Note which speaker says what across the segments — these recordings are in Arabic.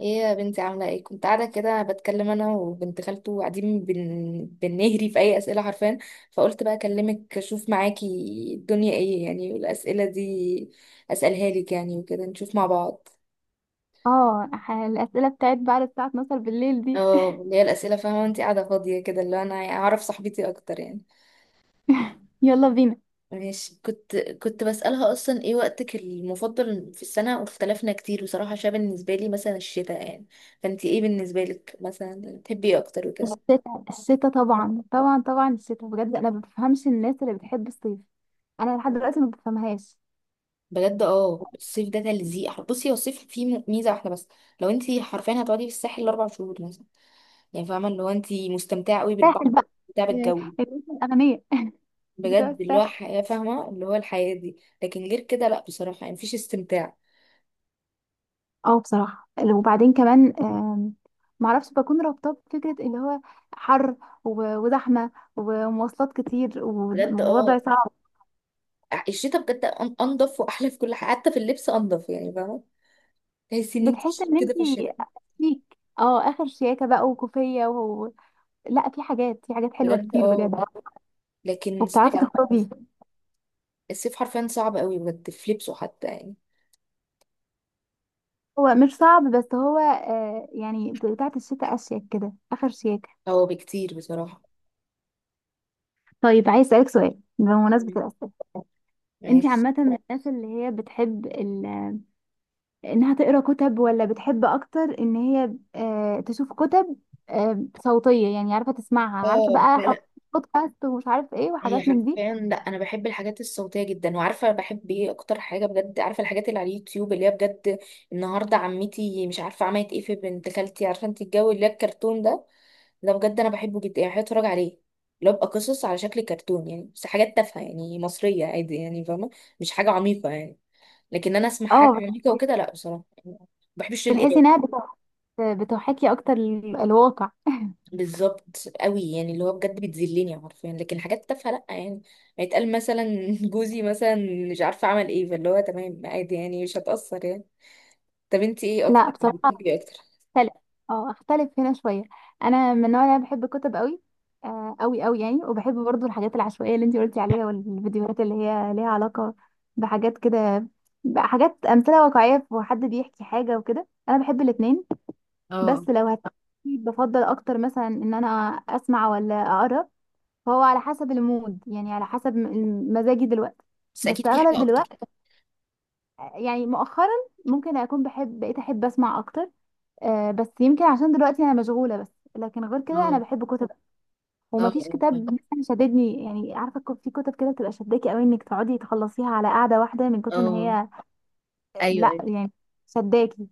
Speaker 1: ايه يا بنتي، عاملة ايه؟ كنت قاعدة كده بتكلم انا وبنت خالته وقاعدين بنهري في اي اسئلة حرفيا. فقلت بقى اكلمك اشوف معاكي الدنيا ايه يعني، والاسئلة دي اسألها لك يعني وكده نشوف مع بعض.
Speaker 2: اه، الأسئلة بتاعت بعد الساعة 12 بالليل دي.
Speaker 1: اه، اللي هي الاسئلة. فاهمة انت قاعدة فاضية كده اللي انا اعرف صاحبتي اكتر يعني.
Speaker 2: يلا بينا.
Speaker 1: ماشي. كنت بسألها أصلا إيه وقتك المفضل في السنة، واختلفنا كتير بصراحة عشان بالنسبة لي مثلا الشتاء يعني. فأنتي إيه بالنسبة لك مثلا؟ تحبي إيه أكتر وكده؟
Speaker 2: الشتاء الشتاء، طبعا طبعا طبعا الشتاء، بجد انا ما بفهمش الناس اللي بتحب الصيف. انا لحد دلوقتي ما بفهمهاش.
Speaker 1: بجد اه، الصيف ده تلزيق. بصي، هو الصيف فيه ميزه واحده بس. لو انت حرفيا هتقعدي في الساحل الاربع شهور مثلا، يعني فاهمه اللي هو انت مستمتعه قوي بالبحر،
Speaker 2: ساحل بقى.
Speaker 1: مستمتعه
Speaker 2: آه،
Speaker 1: بالجو.
Speaker 2: الناس الاغنياء بتوع
Speaker 1: بجد اللي هو
Speaker 2: الساحل.
Speaker 1: حياه، فاهمه اللي هو الحياه دي. لكن غير كده لا بصراحه، يعني مفيش استمتاع.
Speaker 2: اه، بصراحة وبعدين كمان معرفش، بكون رابطة بفكرة اللي هو حر وزحمة ومواصلات كتير
Speaker 1: بجد
Speaker 2: ووضع
Speaker 1: اه،
Speaker 2: صعب.
Speaker 1: الشتاء بجد انضف واحلى في كل حاجه، حتى في اللبس انضف يعني، فاهمه؟ تحسي ان انت
Speaker 2: بتحس
Speaker 1: شيك
Speaker 2: ان
Speaker 1: كده في
Speaker 2: انتي
Speaker 1: الشتاء.
Speaker 2: فيك اخر شياكة بقى وكوفية. لا، في حاجات حلوة
Speaker 1: بجد
Speaker 2: كتير بجد.
Speaker 1: اه. لكن الصيف،
Speaker 2: وبتعرفي بجد تخرجي.
Speaker 1: الصيف حرفيا صعب قوي بجد في لبسه حتى يعني.
Speaker 2: هو مش صعب، بس هو يعني بتاعة الشتاء أشيك كده، آخر شياكة.
Speaker 1: هو بكتير بصراحه.
Speaker 2: طيب، عايز أسألك سؤال بمناسبة الأسئلة. أنت
Speaker 1: ماشي.
Speaker 2: عامة من الناس اللي هي بتحب إنها تقرأ كتب، ولا بتحب أكتر إن هي تشوف كتب صوتية؟ يعني عارفة تسمعها، عارفة
Speaker 1: اه،
Speaker 2: بقى،
Speaker 1: لا
Speaker 2: حاجات
Speaker 1: لا.
Speaker 2: بودكاست ومش عارف إيه
Speaker 1: هي
Speaker 2: وحاجات من دي.
Speaker 1: حرفيا لا، انا بحب الحاجات الصوتيه جدا، وعارفه بحب ايه اكتر حاجه؟ بجد عارفه الحاجات اللي على اليوتيوب اللي هي بجد النهارده عمتي مش عارفه عملت ايه في بنت خالتي، عارفه انت الجو اللي هي الكرتون ده، ده بجد انا بحبه جدا يعني، بحب اتفرج عليه. اللي هو بيبقى قصص على شكل كرتون يعني، بس حاجات تافهه يعني مصريه عادي يعني، فاهمه؟ مش حاجه عميقه يعني. لكن انا اسمع حاجه
Speaker 2: اه،
Speaker 1: عميقه
Speaker 2: بتحسي
Speaker 1: وكده لا بصراحه، يعني ما بحبش
Speaker 2: بتحسي إنها
Speaker 1: القرايه.
Speaker 2: بتحاكي أكتر الواقع؟
Speaker 1: بالظبط قوي، يعني اللي هو بجد بتذلني حرفيا، لكن حاجات تافهه لا يعني. هيتقال مثلا جوزي مثلا مش عارفه عمل ايه، فاللي هو تمام عادي يعني، مش هتأثر يعني. طب انتي ايه
Speaker 2: لا
Speaker 1: اكتر يعني؟
Speaker 2: بصراحة
Speaker 1: بتحبي ايه اكتر؟
Speaker 2: اختلف هنا شويه. انا من النوع اللي بحب الكتب قوي. قوي قوي يعني، وبحب برضو الحاجات العشوائيه اللي انتي قلتي عليها، والفيديوهات اللي هي ليها علاقه بحاجات كده. حاجات امثله واقعيه وحد بيحكي حاجه وكده، انا بحب الاتنين.
Speaker 1: اه.
Speaker 2: بس لو بفضل اكتر مثلا ان انا اسمع ولا اقرا. فهو على حسب المود، يعني على حسب مزاجي دلوقتي.
Speaker 1: بس اكيد
Speaker 2: بس
Speaker 1: في حاجه
Speaker 2: اغلب
Speaker 1: اكتر.
Speaker 2: الوقت، يعني مؤخرا، ممكن اكون بحب، بقيت احب اسمع اكتر. بس يمكن عشان دلوقتي انا مشغوله بس. لكن غير كده انا
Speaker 1: اه،
Speaker 2: بحب كتب.
Speaker 1: اه اه
Speaker 2: ومفيش كتاب
Speaker 1: فاهمة.
Speaker 2: مثلا شددني، يعني عارفه، في كتب كده بتبقى شداكي قوي انك تقعدي تخلصيها على قعده واحده من كتر ما
Speaker 1: اه.
Speaker 2: هي.
Speaker 1: ايوه
Speaker 2: لا
Speaker 1: ايوه.
Speaker 2: يعني شداكي.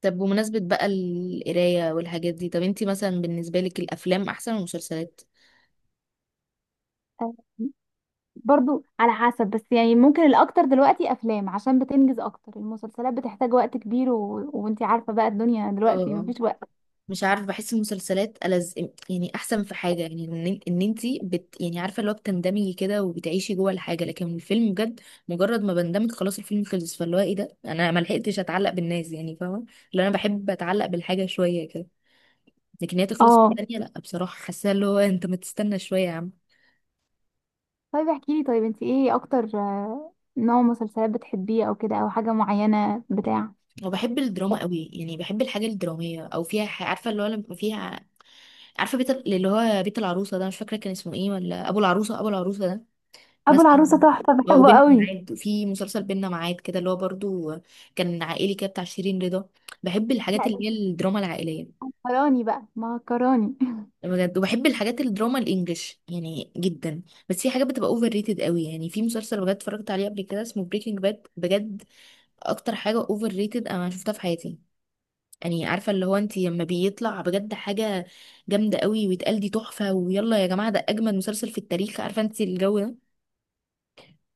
Speaker 1: طب بمناسبه بقى القرايه والحاجات دي، طب انتي مثلا بالنسبه لك الافلام احسن ولا المسلسلات؟
Speaker 2: آه، برضو على حسب، بس يعني ممكن الاكتر دلوقتي افلام عشان بتنجز اكتر. المسلسلات بتحتاج وقت كبير وانتي عارفه بقى، الدنيا دلوقتي
Speaker 1: اه،
Speaker 2: مفيش وقت.
Speaker 1: مش عارف بحس المسلسلات ألز، يعني احسن في حاجه يعني ان انت بت، يعني عارفه اللي هو بتندمجي كده وبتعيشي جوه الحاجه. لكن الفيلم بجد، مجرد ما بندمج خلاص الفيلم خلص، فاللي هو ايه ده؟ انا ما لحقتش اتعلق بالناس يعني، فاهمه؟ اللي انا بحب اتعلق بالحاجه شويه كده، لكن هي تخلص في
Speaker 2: اه،
Speaker 1: الثانيه، لا بصراحه حاسه اللي هو انت ما تستنى شويه يا عم.
Speaker 2: طيب احكي لي، طيب انتي ايه اكتر نوع مسلسلات بتحبيه؟ او كده، او حاجه معينه بتاع.
Speaker 1: وبحب الدراما قوي يعني، بحب الحاجه الدراميه او فيها عارفه اللي هو لما فيها، عارفه اللي هو بيت العروسه ده مش فاكره كان اسمه ايه، ولا ابو العروسه؟ ابو العروسه ده
Speaker 2: ابو
Speaker 1: مثلا.
Speaker 2: العروسه تحفه،
Speaker 1: هو،
Speaker 2: بحبه
Speaker 1: وبيننا
Speaker 2: قوي.
Speaker 1: معاد، في مسلسل بيننا معاد كده اللي هو برضو كان عائلي كده بتاع شيرين رضا. بحب الحاجات
Speaker 2: لا، ده
Speaker 1: اللي هي
Speaker 2: انت
Speaker 1: الدراما العائلية.
Speaker 2: مهكراني بقى، مهكراني.
Speaker 1: بجد. وبحب الحاجات الدراما الانجليش يعني جدا، بس في حاجات بتبقى اوفر ريتد قوي. يعني في مسلسل بجد اتفرجت عليه قبل كده اسمه بريكنج باد، بجد اكتر حاجة اوفر ريتد انا شفتها في حياتي. يعني عارفة اللي هو انت لما بيطلع بجد حاجة جامدة قوي ويتقال دي تحفة، ويلا يا جماعة ده اجمد مسلسل في التاريخ، عارفة انت الجو ده.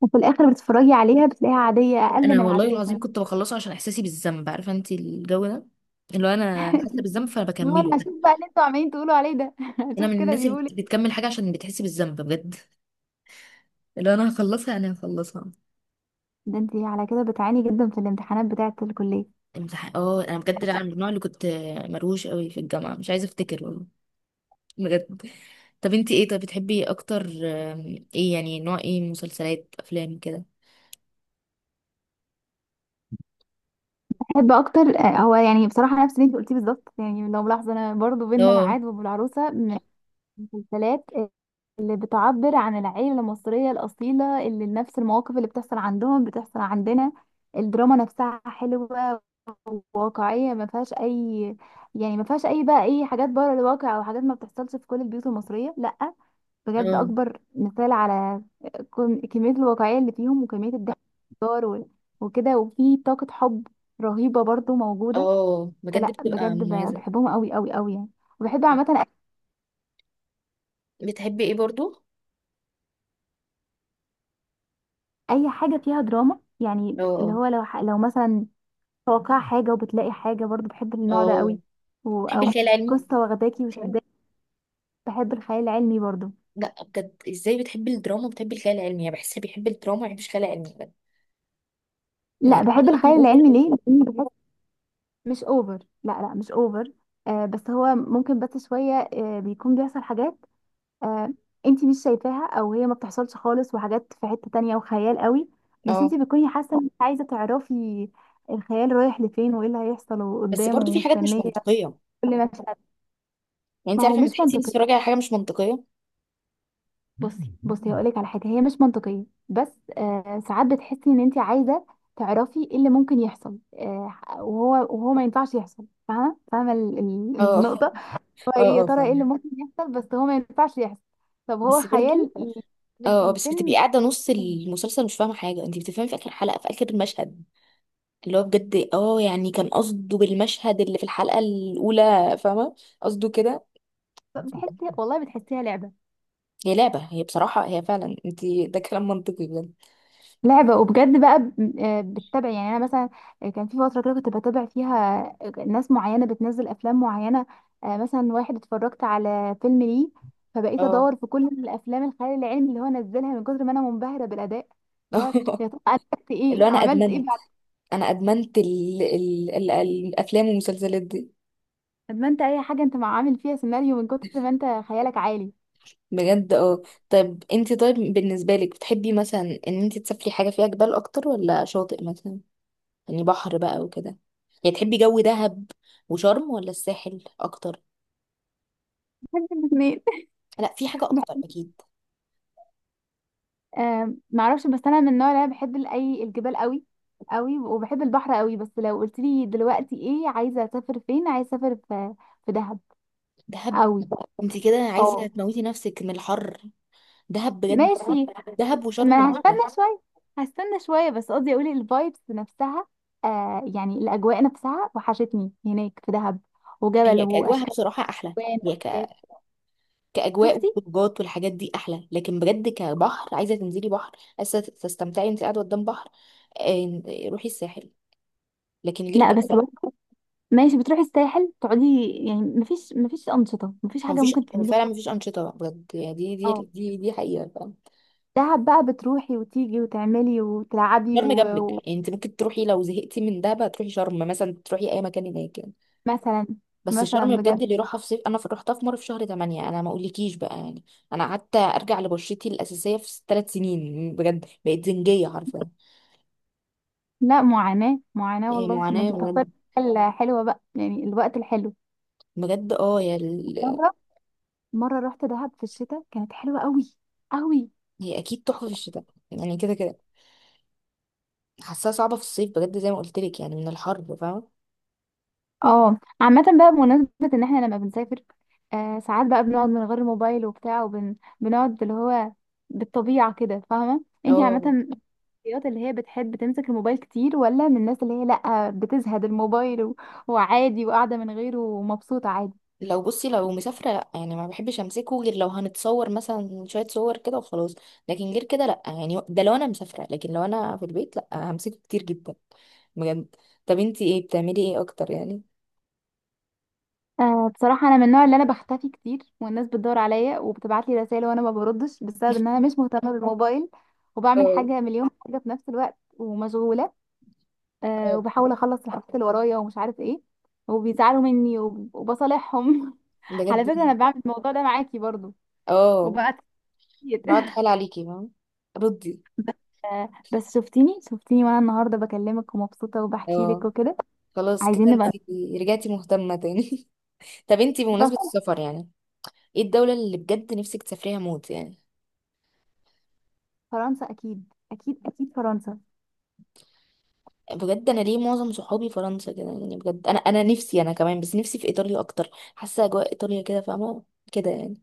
Speaker 2: وفي الاخر بتتفرجي عليها بتلاقيها عاديه، اقل
Speaker 1: انا
Speaker 2: من
Speaker 1: والله
Speaker 2: العاديه
Speaker 1: العظيم
Speaker 2: كمان.
Speaker 1: كنت بخلصه عشان احساسي بالذنب، عارفه انت الجو ده. اللي هو انا حاسه بالذنب فانا
Speaker 2: اللي هو
Speaker 1: بكمله.
Speaker 2: انا هشوف بقى اللي انتوا عمالين تقولوا عليه ده،
Speaker 1: انا
Speaker 2: هشوف
Speaker 1: من
Speaker 2: كده
Speaker 1: الناس اللي
Speaker 2: بيقول إيه.
Speaker 1: بتكمل حاجه عشان بتحس بالذنب بجد. اللي هو انا هخلصها، انا هخلصها.
Speaker 2: ده انت على كده بتعاني جدا في الامتحانات بتاعه الكليه.
Speaker 1: امتحان اه، انا بجد انا من النوع اللي كنت مروش قوي في الجامعه، مش عايزه افتكر والله. بجد. طب انت ايه؟ طب بتحبي اكتر ايه يعني؟ نوع ايه؟ مسلسلات، افلام كده؟
Speaker 2: بحب اكتر هو يعني بصراحه نفس اللي انت قلتيه بالظبط. يعني لو ملاحظه، انا برضو بينا
Speaker 1: اه.
Speaker 2: ميعاد وابو العروسه من المسلسلات اللي بتعبر عن العيلة المصرية الأصيلة، اللي نفس المواقف اللي بتحصل عندهم بتحصل عندنا. الدراما نفسها حلوة وواقعية، ما فيهاش أي، يعني ما فيهاش أي بقى، أي حاجات بره الواقع أو حاجات ما بتحصلش في كل البيوت المصرية، لأ. بجد
Speaker 1: اه
Speaker 2: أكبر مثال على كمية الواقعية اللي فيهم وكمية الضحك والهزار وكده، وفي طاقة حب رهيبة برضو موجودة.
Speaker 1: اه. بجد
Speaker 2: فلأ
Speaker 1: بتبقى
Speaker 2: بجد
Speaker 1: مميزه.
Speaker 2: بحبهم أوي أوي أوي يعني. وبحب عامة
Speaker 1: بتحبي ايه برضو؟
Speaker 2: اي حاجه فيها دراما، يعني اللي
Speaker 1: اه.
Speaker 2: هو لو لو مثلا توقع حاجه وبتلاقي حاجه، برضو بحب النوع ده
Speaker 1: اه.
Speaker 2: قوي.
Speaker 1: بتحبي
Speaker 2: او
Speaker 1: الخيال العلمي؟
Speaker 2: قصه واخداكي وشداكي. بحب الخيال العلمي برضو.
Speaker 1: لا بجد، ازاي بتحبي الدراما وبتحبي الخيال العلمي؟ يعني بحسها بيحب الدراما ما بيحبش الخيال العلمي بجد. يعني
Speaker 2: لا،
Speaker 1: الخيال
Speaker 2: بحب الخيال
Speaker 1: العلمي اوفر
Speaker 2: العلمي
Speaker 1: أوي.
Speaker 2: ليه؟ لان بحس مش اوفر. لا لا، مش اوفر. بس هو ممكن بس شويه بيكون بيحصل حاجات آه انتي مش شايفاها، او هي ما بتحصلش خالص، وحاجات في حته تانية وخيال قوي. بس
Speaker 1: اه.
Speaker 2: انتي بتكوني حاسه انك عايزه تعرفي الخيال رايح لفين، وايه اللي هيحصل
Speaker 1: بس
Speaker 2: وقدامه،
Speaker 1: برضو في حاجات مش
Speaker 2: ومستنيه
Speaker 1: منطقيه.
Speaker 2: كل مشهد.
Speaker 1: يعني انت
Speaker 2: ما هو
Speaker 1: عارفه
Speaker 2: مش
Speaker 1: لما تحسي انت
Speaker 2: منطقي.
Speaker 1: بتتفرجي على حاجه مش منطقيه.
Speaker 2: بصي بصي، هقولك على حاجه هي مش منطقيه. بس ساعات بتحسي ان انت عايزه تعرفي ايه اللي ممكن يحصل وهو ما ينفعش يحصل، فاهمه؟ فاهمه
Speaker 1: اه
Speaker 2: النقطه. هو إيه
Speaker 1: اه
Speaker 2: يا
Speaker 1: اه
Speaker 2: ترى؟ ايه
Speaker 1: فاهمه.
Speaker 2: اللي ممكن يحصل بس هو ما ينفعش يحصل؟ طب هو
Speaker 1: بس
Speaker 2: خيال
Speaker 1: برضو.
Speaker 2: في
Speaker 1: اه، بس بتبقي
Speaker 2: الفيلم.
Speaker 1: قاعده نص المسلسل مش فاهمه حاجه، انت بتفهمي في اخر حلقه في اخر المشهد اللي هو بجد اه يعني كان قصده بالمشهد اللي في الحلقه الاولى، فاهمه قصده كده.
Speaker 2: بتحسي والله بتحسيها لعبه.
Speaker 1: هي لعبه. هي بصراحه هي فعلا انت، ده كلام منطقي بجد.
Speaker 2: لعبة، وبجد بقى بتتابع. يعني انا مثلا كان في فترة كده كنت بتابع فيها ناس معينة بتنزل افلام معينة. مثلا واحد اتفرجت على فيلم ليه، فبقيت
Speaker 1: اه
Speaker 2: ادور في كل الافلام الخيال العلمي اللي هو نزلها، من كتر ما انا منبهرة بالاداء. اللي هو يا ترى اديت
Speaker 1: اللي هو
Speaker 2: ايه
Speaker 1: انا
Speaker 2: عملت ايه
Speaker 1: ادمنت،
Speaker 2: بعد.
Speaker 1: انا ادمنت ال ال ال الافلام والمسلسلات دي.
Speaker 2: طب ما انت اي حاجة انت مع عامل فيها سيناريو من كتر ما انت خيالك عالي.
Speaker 1: بجد اه. طيب انت؟ طيب بالنسبه لك بتحبي مثلا ان انت تسافري حاجه فيها جبال اكتر ولا شاطئ مثلا؟ يعني بحر بقى وكده، يعني تحبي جو دهب وشرم ولا الساحل اكتر؟
Speaker 2: بحب الاثنين.
Speaker 1: لا، في حاجه اكتر اكيد.
Speaker 2: معرفش. بس انا من النوع اللي انا بحب ال- اي الجبال قوي قوي، وبحب البحر قوي. بس لو قلت لي دلوقتي ايه عايزه اسافر فين، عايزه اسافر في دهب
Speaker 1: دهب؟
Speaker 2: قوي.
Speaker 1: انت كده عايزه
Speaker 2: اه،
Speaker 1: تموتي نفسك من الحر. دهب بجد؟
Speaker 2: ماشي.
Speaker 1: دهب وشرم،
Speaker 2: ما
Speaker 1: مش ده.
Speaker 2: هستنى شويه هستنى شويه، بس قصدي اقول الفايبس نفسها. يعني الاجواء نفسها، وحشتني هناك في دهب، وجبل
Speaker 1: هي كاجواها
Speaker 2: واشكال،
Speaker 1: بصراحه احلى.
Speaker 2: الوان.
Speaker 1: هي كأجواء
Speaker 2: شفتي؟
Speaker 1: وخروجات والحاجات دي أحلى، لكن بجد كبحر عايزة تنزلي بحر، عايزة تستمتعي انت قاعدة قدام بحر. آه، روحي الساحل. لكن غير
Speaker 2: لا
Speaker 1: كده.
Speaker 2: بس، ماشي، بتروحي الساحل تقعدي، يعني مفيش انشطه، مفيش
Speaker 1: هو
Speaker 2: حاجه
Speaker 1: مفيش،
Speaker 2: ممكن
Speaker 1: هو
Speaker 2: تعمليها.
Speaker 1: فعلا مفيش أنشطة بجد يعني، دي دي
Speaker 2: اه،
Speaker 1: دي دي حقيقة فعلا.
Speaker 2: دهب بقى بتروحي وتيجي وتعملي وتلعبي
Speaker 1: شرم جنبك يعني، انت ممكن تروحي لو زهقتي من دهب تروحي شرم مثلا، تروحي أي مكان هناك يعني.
Speaker 2: ومثلا
Speaker 1: بس
Speaker 2: مثلا
Speaker 1: شرم بجد
Speaker 2: بجد.
Speaker 1: اللي راحها في صيف، أنا رحتها في مرة في شهر 8، أنا ما أقولكيش بقى يعني. أنا قعدت أرجع لبشرتي الأساسية في ثلاث سنين، بجد بقيت زنجية حرفيا.
Speaker 2: لا، معاناة معاناة
Speaker 1: إيه،
Speaker 2: والله. ما
Speaker 1: معاناة
Speaker 2: انت بتختاري
Speaker 1: بجد.
Speaker 2: الحاجة الحلوة بقى، يعني الوقت الحلو.
Speaker 1: بجد اه. هي
Speaker 2: مرة مرة رحت دهب في الشتاء، كانت حلوة قوي قوي.
Speaker 1: هي اكيد تحفه في الشتاء يعني، كده كده. حاساها صعبه في الصيف بجد زي ما قلت لك يعني، من الحر فاهمه.
Speaker 2: اه، عامة بقى بمناسبة ان احنا لما بنسافر ساعات بقى بنقعد من غير موبايل وبتاع، وبنقعد اللي هو بالطبيعة كده، فاهمة؟ انت عامة
Speaker 1: اه.
Speaker 2: الشخصيات اللي هي بتحب تمسك الموبايل كتير، ولا من الناس اللي هي لأ بتزهد الموبايل وعادي وقاعدة من غيره ومبسوطة عادي؟
Speaker 1: لو بصي، لو مسافره لا يعني ما بحبش امسكه، غير لو هنتصور مثلا شويه صور كده وخلاص. لكن غير كده لا يعني، ده لو انا مسافره. لكن لو انا في البيت لا، همسكه كتير جدا بجد. طب انتي ايه؟ بتعملي ايه اكتر يعني؟
Speaker 2: بصراحة أنا من النوع اللي أنا بختفي كتير، والناس بتدور عليا وبتبعت لي رسائل وأنا ما بردش بسبب إن أنا مش مهتمة بالموبايل. وبعمل
Speaker 1: اه.
Speaker 2: حاجة، مليون حاجة في نفس الوقت، ومشغولة
Speaker 1: اه
Speaker 2: وبحاول أخلص الحاجات اللي ورايا ومش عارف إيه. وبيزعلوا مني وبصالحهم. على
Speaker 1: بجد.
Speaker 2: فكرة أنا بعمل الموضوع ده معاكي برضو،
Speaker 1: اه،
Speaker 2: وبقى كتير.
Speaker 1: بقعد حال عليكي فاهمة. ردي.
Speaker 2: بس بس شفتيني شفتيني، وانا النهارده بكلمك ومبسوطه وبحكي لك
Speaker 1: اه.
Speaker 2: وكده.
Speaker 1: خلاص كده
Speaker 2: عايزين نبقى
Speaker 1: انتي رجعتي مهتمة تاني. طب انتي
Speaker 2: بس.
Speaker 1: بمناسبة السفر يعني، ايه الدولة اللي بجد نفسك تسافريها موت يعني؟
Speaker 2: فرنسا اكيد اكيد اكيد، فرنسا.
Speaker 1: بجد، انا ليه معظم صحابي فرنسا كده يعني؟ بجد انا نفسي، انا كمان، بس نفسي في ايطاليا اكتر. حاسة اجواء ايطاليا كده فاهمة كده يعني.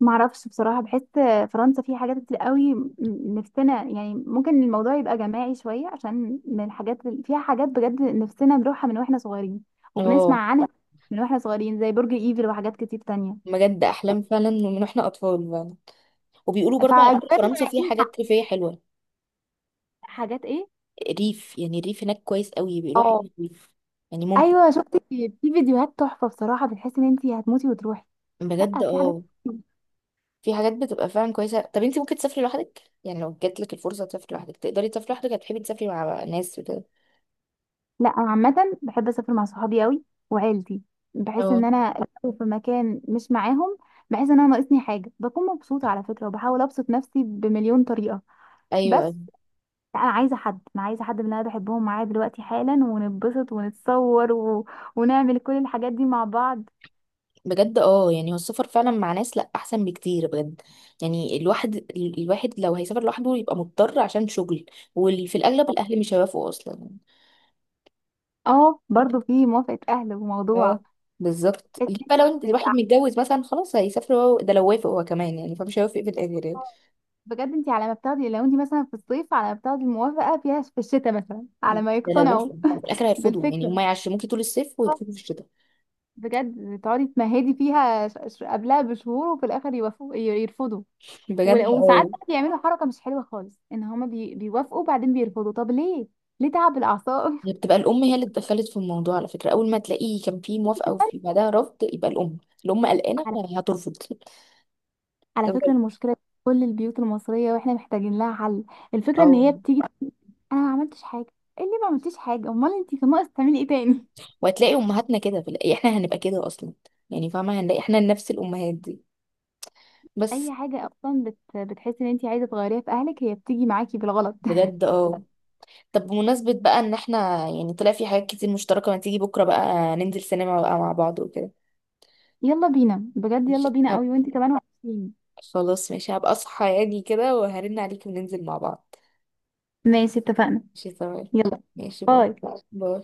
Speaker 2: معرفش بصراحه، بحس فرنسا فيه حاجات كتير قوي نفسنا يعني، ممكن الموضوع يبقى جماعي شويه، عشان من الحاجات فيها حاجات بجد نفسنا نروحها من واحنا صغيرين، وبنسمع
Speaker 1: اه.
Speaker 2: عنها من واحنا صغيرين زي برج ايفل وحاجات كتير تانية.
Speaker 1: بجد احلام فعلا من واحنا اطفال فعلا. وبيقولوا برضه على فكرة
Speaker 2: فكبرنا
Speaker 1: فرنسا فيها
Speaker 2: عايزين
Speaker 1: حاجات ريفية حلوة.
Speaker 2: حاجات ايه.
Speaker 1: ريف، يعني الريف هناك كويس قوي بيقولوا، حلو
Speaker 2: اه
Speaker 1: الريف يعني ممتع.
Speaker 2: ايوه، شفت في فيديوهات تحفه بصراحه، بتحس ان انت هتموتي وتروحي.
Speaker 1: بجد
Speaker 2: لا، في حاجات
Speaker 1: اه.
Speaker 2: كتير.
Speaker 1: في حاجات بتبقى فعلا كويسة. طب انت ممكن تسافري لوحدك يعني؟ لو جاتلك الفرصة تسافري لوحدك تقدري تسافري لوحدك، هتحبي تسافري مع ناس وكده؟
Speaker 2: لا انا عامه بحب اسافر مع صحابي قوي، وعيلتي. بحس
Speaker 1: اه.
Speaker 2: ان انا لو في مكان مش معاهم، بحس ان انا ناقصني حاجه، بكون مبسوطه على فكره وبحاول ابسط نفسي بمليون طريقه.
Speaker 1: ايوه.
Speaker 2: بس لا، انا عايزه حد، انا عايزه حد من اللي انا بحبهم معايا دلوقتي حالا، ونتبسط ونتصور ونعمل كل الحاجات دي مع بعض.
Speaker 1: بجد اه، يعني هو السفر فعلا مع ناس لا احسن بكتير بجد. يعني الواحد الواحد لو هيسافر لوحده يبقى مضطر عشان شغل، وفي الاغلب الاهل مش هيوافقوا اصلا.
Speaker 2: اه، برضو في موافقه اهل وموضوع.
Speaker 1: اه. بالظبط. ليه بقى لو الواحد
Speaker 2: تبقى
Speaker 1: متجوز مثلا خلاص هيسافر، هو ده لو وافق هو كمان يعني، فمش هيوافق في الاخر يعني.
Speaker 2: بجد، انت على ما بتاخدي، لو انت مثلا في الصيف على ما بتاخدي الموافقه فيها في الشتاء مثلا، على ما
Speaker 1: ده لو وافق،
Speaker 2: يقتنعوا.
Speaker 1: في الاخر هيرفضوا يعني. هما
Speaker 2: بالفكره،
Speaker 1: يعش ممكن طول الصيف
Speaker 2: آه،
Speaker 1: ويرفضوا في الشتاء.
Speaker 2: بجد تقعدي تمهدي فيها قبلها بشهور وفي الاخر يوافقوا يرفضوا.
Speaker 1: بجد
Speaker 2: وساعات
Speaker 1: اه.
Speaker 2: بقى بيعملوا حركه مش حلوه خالص، ان هما بيوافقوا بعدين بيرفضوا، طب ليه؟ ليه تعب الاعصاب؟
Speaker 1: هي بتبقى الام هي اللي اتدخلت في الموضوع على فكره، اول ما تلاقيه كان في موافقه
Speaker 2: كمان.
Speaker 1: وفي بعدها رفض، يبقى الام. الام قلقانه
Speaker 2: على
Speaker 1: يعني هترفض.
Speaker 2: على فكره
Speaker 1: بجد
Speaker 2: المشكله دي في كل البيوت المصريه، واحنا محتاجين لها حل. الفكره ان
Speaker 1: اه.
Speaker 2: هي بتيجي تقول انا ما عملتش حاجه. إيه اللي ما عملتيش حاجه؟ امال انت كان ناقص تعملي ايه تاني؟
Speaker 1: وهتلاقي امهاتنا كده في احنا هنبقى كده اصلا يعني، فاهمه هنلاقي احنا نفس الامهات دي بس.
Speaker 2: اي حاجه اصلا بتحسي ان انت عايزه تغيريها في اهلك هي بتيجي معاكي بالغلط.
Speaker 1: بجد اه. طب بمناسبة بقى ان احنا يعني طلع في حاجات كتير مشتركة، ما تيجي بكرة بقى ننزل سينما بقى مع بعض وكده.
Speaker 2: يلا بينا بجد،
Speaker 1: مش
Speaker 2: يلا بينا
Speaker 1: هب...
Speaker 2: قوي، وانت كمان وحشين.
Speaker 1: خلاص ماشي، هبقى اصحى يعني كده وهرن عليك وننزل مع بعض.
Speaker 2: ماشي اتفقنا.
Speaker 1: ماشي تمام.
Speaker 2: يلا.
Speaker 1: ماشي، باي.
Speaker 2: هاي.
Speaker 1: باي.